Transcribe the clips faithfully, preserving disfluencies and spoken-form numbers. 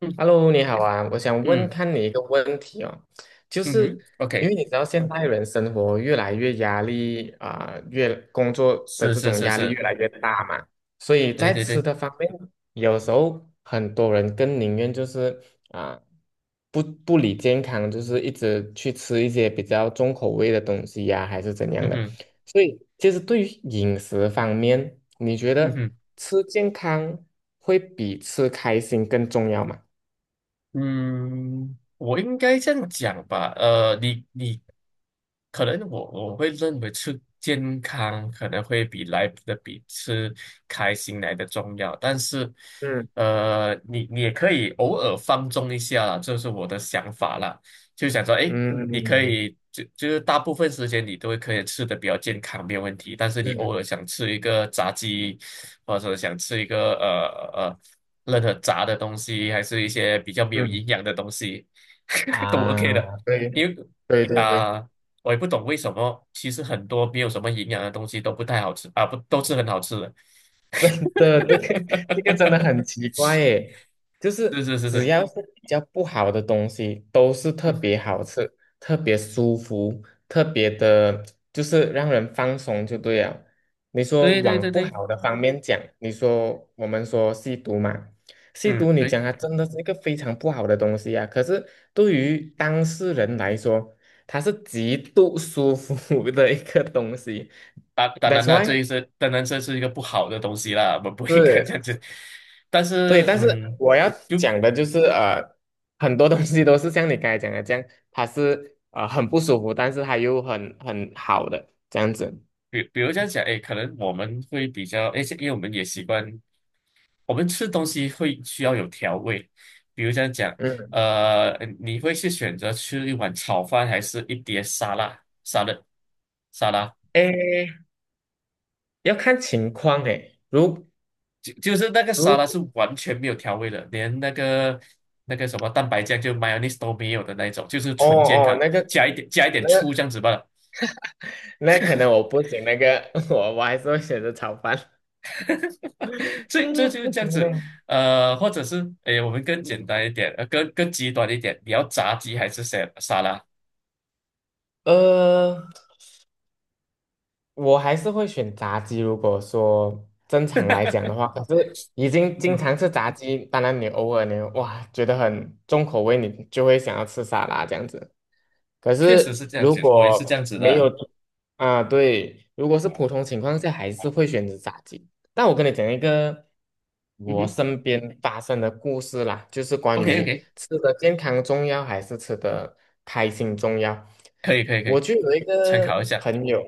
嗯 Hello，你好啊，我想问嗯看你一个问题哦，就嗯是哼因，OK，为你知道现代人生活越来越压力啊、越工作的是这是种是压力是，越来越大嘛，所以对在对吃对，的方面，有时候很多人更宁愿就是啊、不不理健康，就是一直去吃一些比较重口味的东西呀、还是怎样嗯的。哼所以，其实对于饮食方面，你觉嗯得哼。吃健康会比吃开心更重要吗？嗯，我应该这样讲吧，呃，你你可能我我会认为吃健康可能会比来的比吃开心来的重要，但是嗯呃，你你也可以偶尔放纵一下啦，这是我的想法啦，就想说，嗯哎，你可嗯以就就是大部分时间你都会可以吃的比较健康，没有问题，但是你嗯偶尔想吃一个炸鸡，或者想吃一个呃呃。任何炸的东西，还是一些比较没有嗯，营养的东西，都 OK 的。啊，对因为对对对，啊、我也不懂为什么，其实很多没有什么营养的东西都不太好吃啊，不都是很好吃的。的这个 这个真的很 奇怪耶，就是是是是只是，要是比较不好的东西，都是特嗯，别好吃、特别舒服、特别的，就是让人放松就对了。你说对对往对不对，好的方面讲，你说我们说吸毒嘛，吸嗯毒你对，讲它真的是一个非常不好的东西啊，可是对于当事人来说，它是极度舒服 的一个东西。当当 That's 然了，这 why 一是当然这是一个不好的东西啦，我们不应该这样是。子。但对，是但是嗯，我要就讲的就是，呃，很多东西都是像你刚才讲的这样，它是呃很不舒服，但是它又很很好的这样子。比比如这样讲，哎，可能我们会比较，哎，因为我们也习惯。我们吃东西会需要有调味，比如这样讲，嗯，呃，你会是选择吃一碗炒饭，还是一碟沙拉？沙拉，沙拉，诶，要看情况诶。如就就是那个沙拉是如完全没有调味的，连那个那个什么蛋白酱就 mayonnaise 都没有的那一种，就是哦纯健哦，康，那个加一点加一点那个醋这样子罢了。那可能我不行，那个 我我还是会选择炒饭。所以这嗯，就是不这样行子，嘞。呃，或者是诶，我们更简单一点，呃，更更极端一点，你要炸鸡还是沙沙拉？呃，我还是会选炸鸡。如果说正常来讲的话，可是已经嗯经哼，常吃炸鸡，当然你偶尔你哇觉得很重口味，你就会想要吃沙拉这样子。可确实是是这样如子，我也是这果样子没的。有啊，对，如果是普通情况下，还是会选择炸鸡。那我跟你讲一个嗯我哼身边发生的故事啦，就是关，OK 于 OK，吃的健康重要还是吃的开心重要。可以可以可我以，就有一参考一个下。朋友，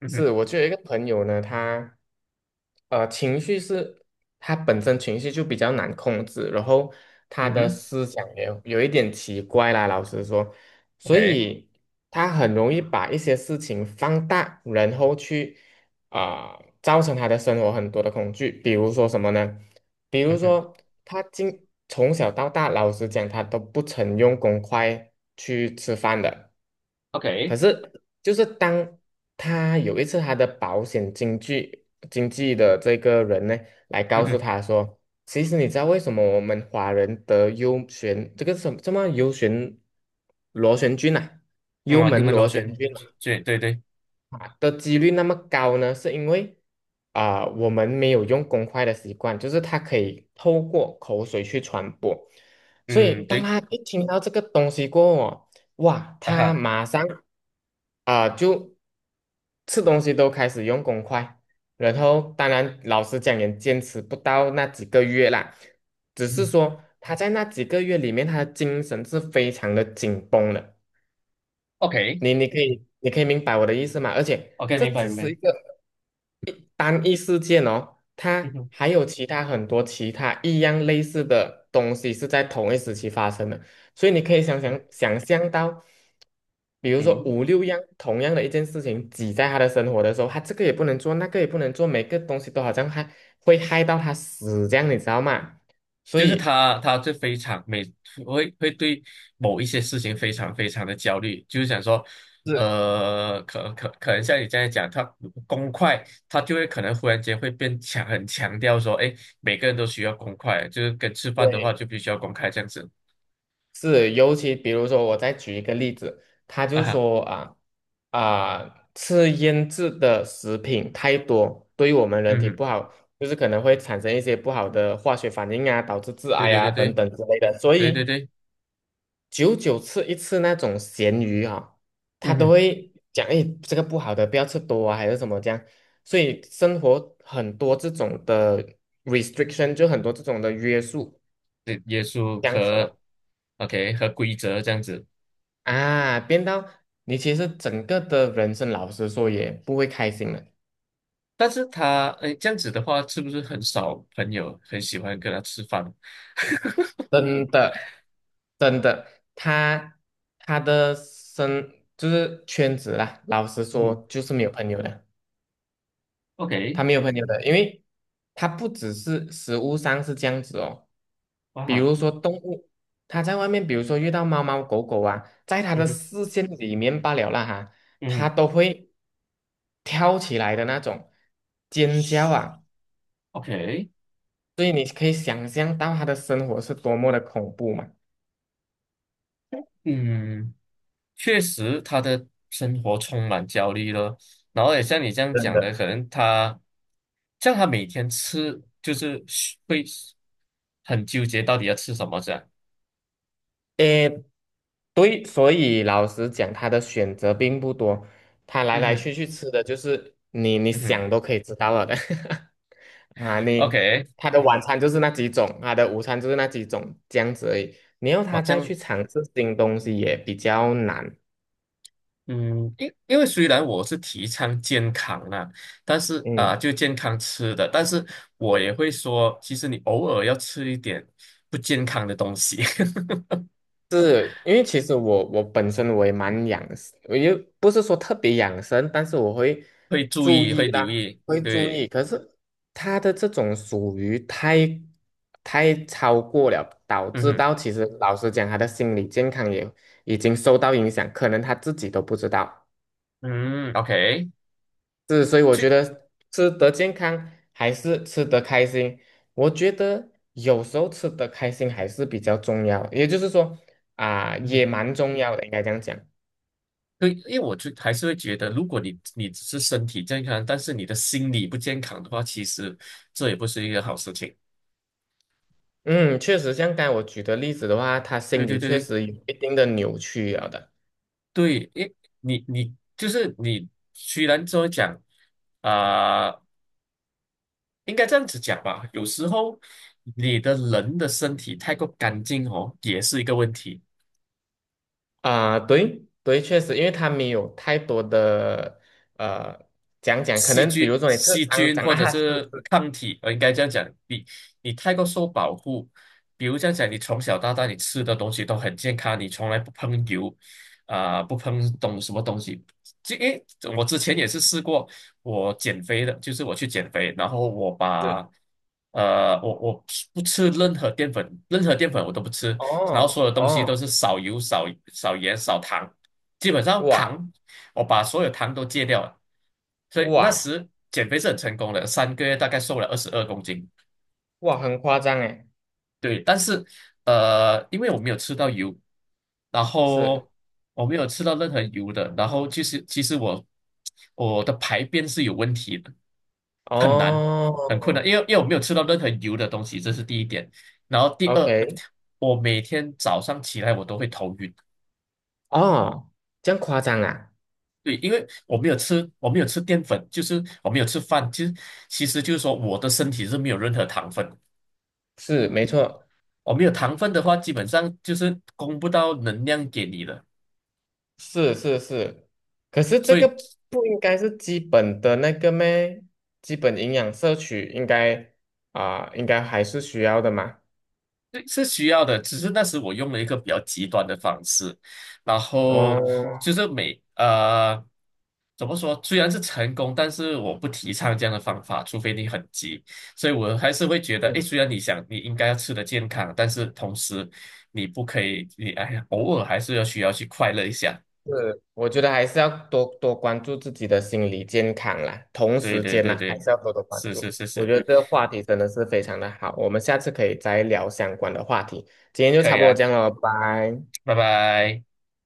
嗯哼，是我就有一个朋友呢，他呃情绪是，他本身情绪就比较难控制，然后他嗯的哼思想也有一点奇怪啦，老实说，所，OK，以他很容易把一些事情放大，然后去。啊、造成他的生活很多的恐惧，比如说什么呢？比嗯如哼说他经从小到大，老实讲，他都不曾用公筷去吃饭的。，OK，可是，就是当他有一次他的保险经济经济的这个人呢，来嗯告诉哼，他说，其实你知道为什么我们华人得幽旋这个什么什么幽旋螺旋菌啊，嗯幽啊 h u 门 m a n 螺旋 lotion，菌啊对对对，啊的几率那么高呢？是因为啊、我们没有用公筷的习惯，就是它可以透过口水去传播，所以嗯当对，他一听到这个东西过后哦哇，啊他哈，马上啊、就吃东西都开始用公筷，然后当然老实讲也坚持不到那几个月啦，只嗯是哼说他在那几个月里面，他的精神是非常的紧绷的。，OK 你你可以你可以明白我的意思吗？而且 OK，这明白只明是白，一个单一事件哦，嗯它哼，还有其他很多其他一样类似的东西是在同一时期发生的，所以你可以想嗯想想象到，比如说嗯。五六样同样的一件事情挤在他的生活的时候，他这个也不能做，那个也不能做，每个东西都好像害会害到他死这样，你知道吗？所就是以。他，他就非常每会会对某一些事情非常非常的焦虑，就是想说，是呃，可可可能像你这样讲，他公筷，他就会可能忽然间会变强，很强调说，哎，每个人都需要公筷，就是跟吃饭的话对，就必须要公筷这样子是，尤其比如说，我再举一个例子，他啊就哈，说啊啊，吃腌制的食品太多，对于我们人嗯体哼不好，就是可能会产生一些不好的化学反应啊，导致致对癌对啊对等对等之类的。所对对以对，久久吃一次那种咸鱼啊，他嗯都哼，会讲，哎，这个不好的，不要吃多啊，还是什么这样。所以生活很多这种的 restriction，就很多这种的约束，对耶稣这样子和 咯 OK 和规则这样子，啊，变到你其实整个的人生，老实说也不会开心了，但是他哎这样子的话，是不是很少朋友很喜欢跟他吃饭？真的，真的，他他的生就是圈子啦，老实说 就是没有朋友的，OK，他没有朋友的，因为他不只是食物上是这样子哦，比哇，如说动物，他在外面，比如说遇到猫猫狗狗啊，在他嗯的哼，视线里面罢了啦哈，嗯他哼都会跳起来的那种尖叫啊。，OK，所以你可以想象到他的生活是多么的恐怖嘛。嗯，确实他的生活充满焦虑了。然后也像你这样真讲的，的，可能他像他每天吃，就是会很纠结到底要吃什么这样。诶，对，所以老实讲，他的选择并不多，他来嗯来哼，去去吃的就是你你嗯哼想都可以知道了的 啊，你，OK，他的晚餐就是那几种，他的午餐就是那几种，这样子而已。你要我他这再样，去尝试新东西也比较难，嗯，因因为虽然我是提倡健康啦，但是啊、嗯。就健康吃的，但是我也会说，其实你偶尔要吃一点不健康的东西。是因为其实我我本身我也蛮养生我又不是说特别养生，但是我会会注注意，意会啦，留意，会注对，意。可是他的这种属于太太超过了，导嗯致哼，到其实老实讲，他的心理健康也已经受到影响，可能他自己都不知道。嗯，OK，是，所以我就，觉得吃得健康还是吃得开心，我觉得有时候吃得开心还是比较重要，也就是说啊、嗯也哼，蛮重要的，应该这样讲。对，因为我就还是会觉得，如果你你只是身体健康，但是你的心理不健康的话，其实这也不是一个好事情。嗯，确实，像刚才我举的例子的话，他心对对里对确对实有一定的扭曲了的。对，因你你就是你，虽然说讲啊、应该这样子讲吧，有时候你的人的身体太过干净哦，也是一个问题。啊、对对，确实，因为他没有太多的呃讲讲，可细能比菌、如说你是细肮菌脏或者啊，是是抗体，我应该这样讲，你你太过受保护，比如这样讲，你从小到大你吃的东西都很健康，你从来不碰油，啊、不碰东什么东西。这诶，我之前也是试过，我减肥的，就是我去减肥，然后我是，把。呃，我我不吃任何淀粉，任何淀粉我都不吃，然后哦所有东西都哦，是少油、少少盐、少糖，基本上哇糖，我把所有糖都戒掉了。所以那哇时减肥是很成功的，三个月大概瘦了二十二公斤。哇，很夸张诶，对，但是呃，因为我没有吃到油，然是。后我没有吃到任何油的，然后其实其实我我的排便是有问题的，很难很困难，哦因为因为我没有吃到任何油的东西，这是第一点。然后第二，，OK，我每天早上起来我都会头晕。哦，这样夸张啊？对，因为我没有吃，我没有吃淀粉，就是我没有吃饭，其实其实就是说我的身体是没有任何糖分的。是，没错，我没有糖分的话，基本上就是供不到能量给你的，是是是。可是这所个以不应该是基本的那个咩？基本营养摄取应该啊、应该还是需要的嘛。这是需要的。只是那时我用了一个比较极端的方式，然后哦，就是每呃怎么说，虽然是成功，但是我不提倡这样的方法，除非你很急。所以我还是会觉得，诶，嗯，虽然你想你应该要吃的健康，但是同时你不可以，你哎呀，偶尔还是要需要去快乐一下。是，我觉得还是要多多关注自己的心理健康啦，同对时对间对呢，还对，是要多多关是注。是是我是，觉得这个话题真的是非常的好，我们下次可以再聊相关的话题。今天就可差以不多啊，这样了，拜。拜拜。